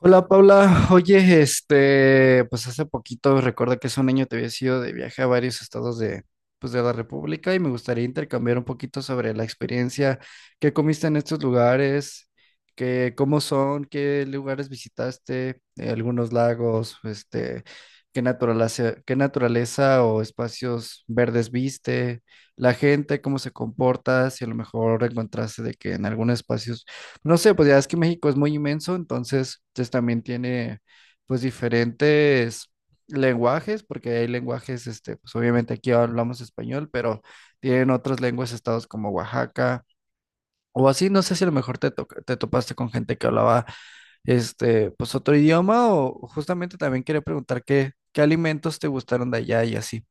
Hola Paula, oye, pues hace poquito, recuerda que hace un año te había ido de viaje a varios estados pues de la República, y me gustaría intercambiar un poquito sobre la experiencia. ¿Qué comiste en estos lugares? ¿Cómo son? ¿Qué lugares visitaste? ¿Algunos lagos? ¿Qué naturaleza? Qué naturaleza o espacios verdes viste. La gente, cómo se comporta, si a lo mejor encontraste de que en algunos espacios, no sé, pues ya es que México es muy inmenso, entonces pues también tiene pues diferentes lenguajes, porque hay lenguajes. Pues obviamente aquí hablamos español, pero tienen otras lenguas, estados como Oaxaca o así. No sé si a lo mejor te topaste con gente que hablaba, pues, otro idioma, o justamente también quería preguntar qué alimentos te gustaron de allá y así.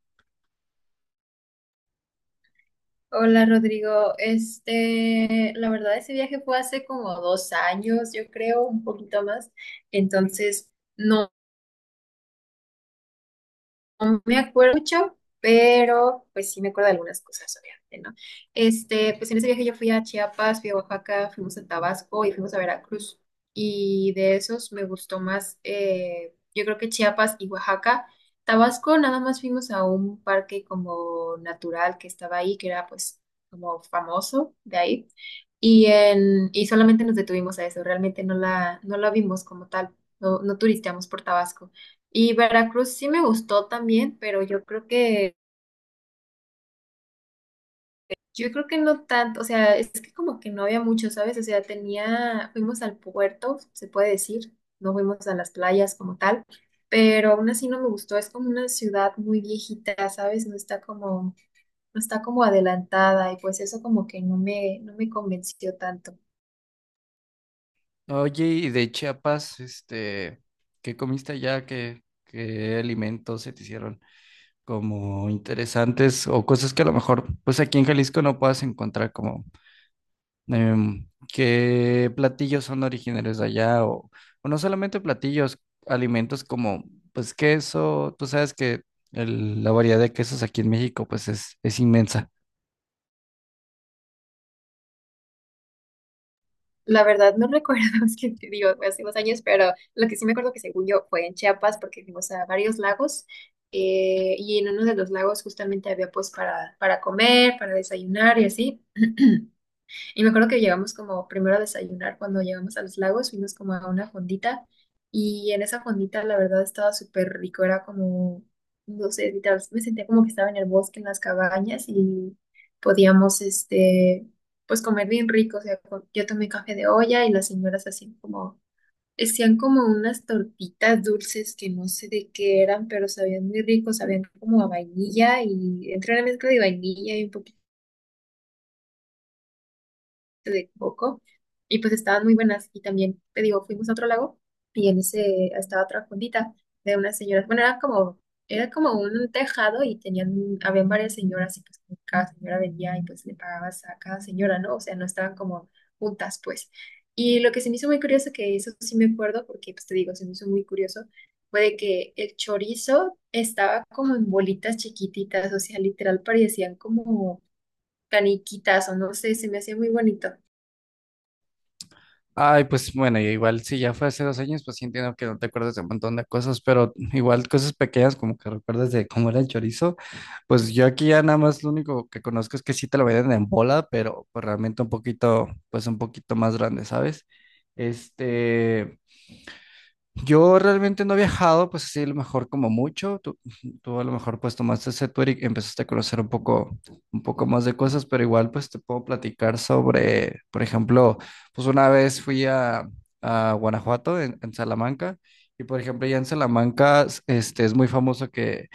Hola Rodrigo, la verdad ese viaje fue hace como 2 años, yo creo, un poquito más, entonces no, no me acuerdo mucho, pero pues sí me acuerdo de algunas cosas, obviamente, ¿no? Pues en ese viaje yo fui a Chiapas, fui a Oaxaca, fuimos a Tabasco y fuimos a Veracruz. Y de esos me gustó más, yo creo que Chiapas y Oaxaca. Tabasco nada más fuimos a un parque como natural que estaba ahí, que era pues como famoso de ahí. Y solamente nos detuvimos a eso, realmente no la vimos como tal, no turisteamos por Tabasco. Y Veracruz sí me gustó también, pero yo creo que no tanto, o sea, es que como que no había mucho, ¿sabes? O sea, fuimos al puerto, se puede decir, no fuimos a las playas como tal, pero aún así no me gustó, es como una ciudad muy viejita, ¿sabes? No está como adelantada y pues eso como que no me convenció tanto. Oye, y de Chiapas, ¿qué comiste allá? ¿Qué alimentos se te hicieron como interesantes, o cosas que a lo mejor pues aquí en Jalisco no puedas encontrar? Como qué platillos son originarios de allá, o no solamente platillos, alimentos como pues queso. Tú sabes que la variedad de quesos aquí en México pues es inmensa. La verdad no recuerdo, es que te digo, fue hace unos años, pero lo que sí me acuerdo que según yo fue en Chiapas porque fuimos a varios lagos, y en uno de los lagos justamente había pues para comer, para desayunar y así. Y me acuerdo que llegamos como primero a desayunar cuando llegamos a los lagos, fuimos como a una fondita y en esa fondita la verdad estaba súper rico, era como, no sé, literal, me sentía como que estaba en el bosque, en las cabañas y podíamos, pues comer bien rico, o sea, yo tomé café de olla y las señoras hacían como unas tortitas dulces que no sé de qué eran, pero sabían muy ricos, sabían como a vainilla y entre una mezcla de vainilla y un de coco y pues estaban muy buenas y también, te digo, fuimos a otro lago y en ese estaba otra fondita de unas señoras, bueno, era como un tejado y habían varias señoras y pues como cada señora vendía y pues le pagabas a cada señora, ¿no? O sea, no estaban como juntas, pues. Y lo que se me hizo muy curioso, que eso sí me acuerdo, porque pues te digo, se me hizo muy curioso, fue de que el chorizo estaba como en bolitas chiquititas, o sea, literal parecían como caniquitas o no sé, se me hacía muy bonito. Ay, pues bueno, y igual si ya fue hace 2 años, pues sí entiendo que no te acuerdas de un montón de cosas, pero igual cosas pequeñas, como que recuerdas de cómo era el chorizo. Pues yo aquí ya nada más lo único que conozco es que sí te lo venden en bola, pero pues realmente un poquito, pues un poquito más grande, ¿sabes? Este, yo realmente no he viajado, pues así, a lo mejor, como mucho. Tú a lo mejor pues tomaste ese tour y empezaste a conocer un poco más de cosas, pero igual pues te puedo platicar sobre, por ejemplo, pues una vez fui a Guanajuato, en Salamanca. Y por ejemplo ya en Salamanca es muy famoso que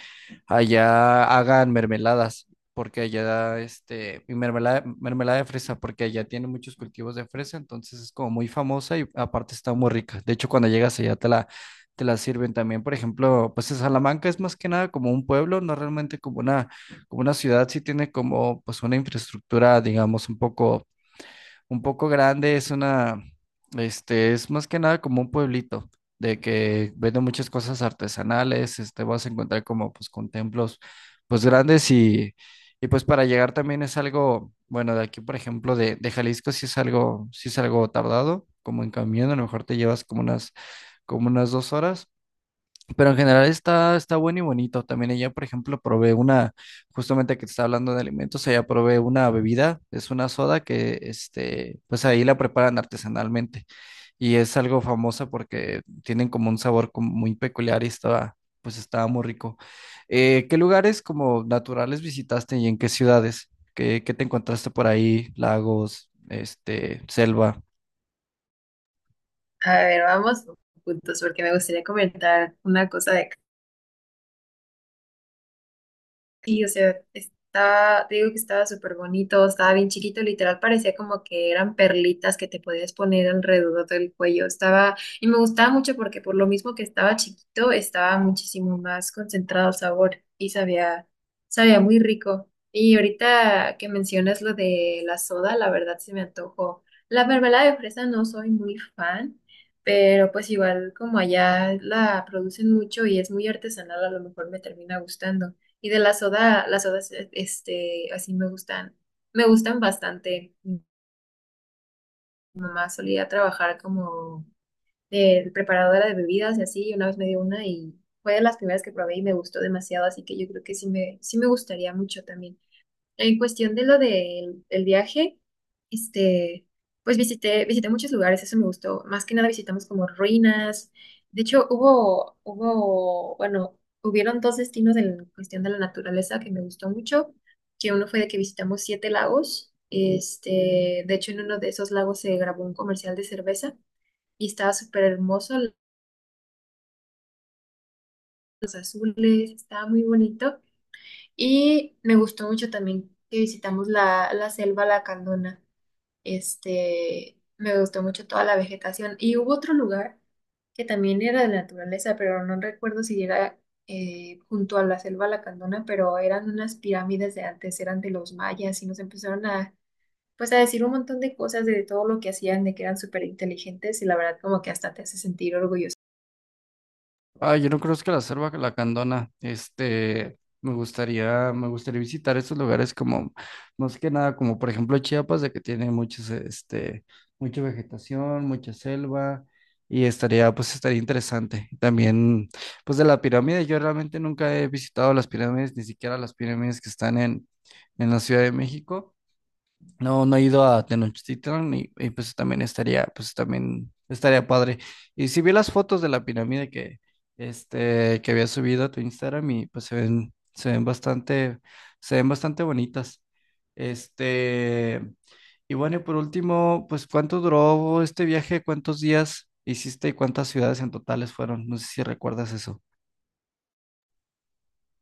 allá hagan mermeladas, porque allá, mermelada, mermelada de fresa, porque allá tiene muchos cultivos de fresa, entonces es como muy famosa y aparte está muy rica. De hecho, cuando llegas allá te la sirven también. Por ejemplo, pues en Salamanca es más que nada como un pueblo, no realmente como una ciudad. Sí tiene como pues una infraestructura, digamos, un poco grande. Es una, es más que nada como un pueblito, de que vende muchas cosas artesanales. Vas a encontrar como pues con templos pues grandes, y pues para llegar también es algo, bueno, de aquí por ejemplo de Jalisco, sí es algo tardado. Como en camión, a lo mejor te llevas como como unas 2 horas, pero en general está, está bueno y bonito. También ella, por ejemplo, probé justamente que te estaba hablando de alimentos, ella probé una bebida. Es una soda que, pues ahí la preparan artesanalmente, y es algo famosa porque tienen como un sabor como muy peculiar, y estaba, pues estaba muy rico. ¿Qué lugares como naturales visitaste, y en qué ciudades? ¿Qué te encontraste por ahí? Lagos, selva. A ver, vamos juntos porque me gustaría comentar una cosa de. Sí, o sea, estaba, te digo que estaba súper bonito, estaba bien chiquito, literal parecía como que eran perlitas que te podías poner alrededor del cuello. Y me gustaba mucho porque por lo mismo que estaba chiquito, estaba muchísimo más concentrado el sabor y sabía muy rico. Y ahorita que mencionas lo de la soda, la verdad se me antojó. La mermelada de fresa no soy muy fan. Pero pues igual como allá la producen mucho y es muy artesanal, a lo mejor me termina gustando. Y de la soda, las sodas, así me gustan, bastante. Mi mamá solía trabajar como preparadora de bebidas y así, y una vez me dio una y fue de las primeras que probé y me gustó demasiado, así que yo creo que sí me gustaría mucho también. En cuestión de lo del el viaje, este, pues visité muchos lugares, eso me gustó. Más que nada visitamos como ruinas. De hecho, bueno, hubieron dos destinos en cuestión de la naturaleza que me gustó mucho, que uno fue de que visitamos siete lagos. Este, de hecho, en uno de esos lagos se grabó un comercial de cerveza y estaba súper hermoso, los azules, estaba muy bonito. Y me gustó mucho también que visitamos la selva La Candona. Este, me gustó mucho toda la vegetación. Y hubo otro lugar que también era de naturaleza, pero no recuerdo si era junto a la selva Lacandona, pero eran unas pirámides de antes, eran de los mayas y nos empezaron a, pues a decir un montón de cosas de todo lo que hacían, de que eran súper inteligentes y la verdad como que hasta te hace sentir orgulloso. Ah, yo no conozco la selva la lacandona. Me gustaría visitar esos lugares, como más que nada, como por ejemplo Chiapas, de que tiene mucha vegetación, mucha selva, y estaría, pues estaría interesante. También, pues de la pirámide, yo realmente nunca he visitado las pirámides, ni siquiera las pirámides que están en la Ciudad de México. No, no he ido a Tenochtitlan, y, pues también estaría padre. Y si vi las fotos de la pirámide que, que había subido a tu Instagram, y pues se ven bastante bonitas. Este, y bueno, y por último, pues ¿cuánto duró este viaje? ¿Cuántos días hiciste y cuántas ciudades en totales fueron? No sé si recuerdas eso.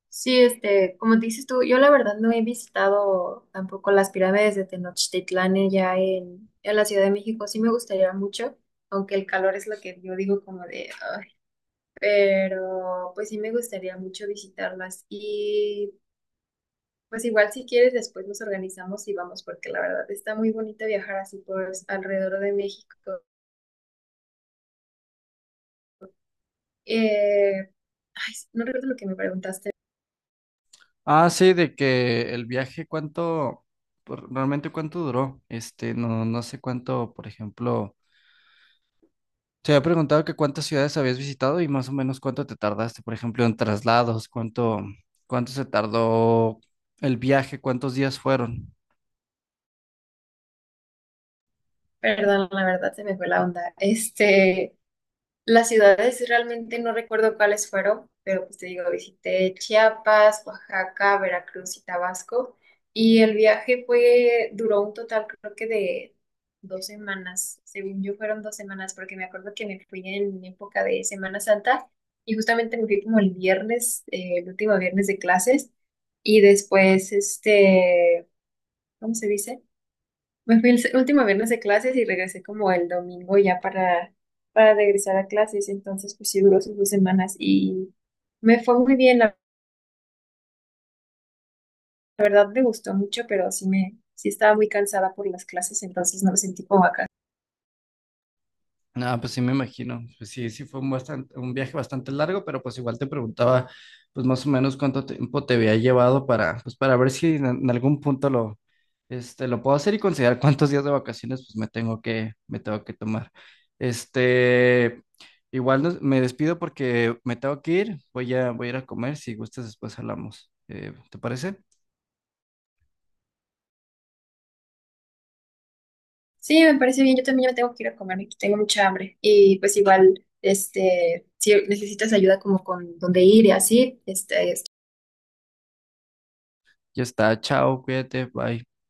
Sí, como dices tú, yo la verdad no he visitado tampoco las pirámides de Tenochtitlán ya en la Ciudad de México. Sí me gustaría mucho, aunque el calor es lo que yo digo como de, "Ay", pero pues sí me gustaría mucho visitarlas. Y pues igual si quieres después nos organizamos y vamos, porque la verdad está muy bonito viajar así por alrededor de México. Eh, ay, no recuerdo lo que me preguntaste. Ah, sí, de que el viaje, ¿cuánto, realmente cuánto duró? No, no sé cuánto. Por ejemplo, te había preguntado que cuántas ciudades habías visitado y más o menos cuánto te tardaste, por ejemplo en traslados, cuánto, cuánto se tardó el viaje, cuántos días fueron. Perdón, la verdad se me fue la onda. Las ciudades realmente no recuerdo cuáles fueron, pero pues te digo, visité Chiapas, Oaxaca, Veracruz y Tabasco. Y el viaje fue, duró un total creo que de 2 semanas. Según yo fueron 2 semanas, porque me acuerdo que me fui en época de Semana Santa y justamente me fui como el viernes, el último viernes de clases. Y después, ¿cómo se dice? Me fui el último viernes de clases y regresé como el domingo ya para, regresar a clases. Entonces, pues sí duró sus 2 semanas y me fue muy bien. La verdad me gustó mucho, pero sí estaba muy cansada por las clases, entonces no me sentí como acá. Ah, pues sí me imagino, pues sí, sí fue un bastante, un viaje bastante largo, pero pues igual te preguntaba, pues más o menos cuánto tiempo te había llevado, para pues para ver si en algún punto lo... lo puedo hacer y considerar cuántos días de vacaciones pues me tengo que tomar. Este, igual me despido porque me tengo que ir. Voy a, voy a ir a comer. Si gustas, después hablamos. ¿Te parece? Sí, me parece bien. Yo también ya me tengo que ir a comer, aquí tengo mucha hambre. Y pues igual, si necesitas ayuda como con dónde ir y así, Ya está. Chao, cuídate. Bye.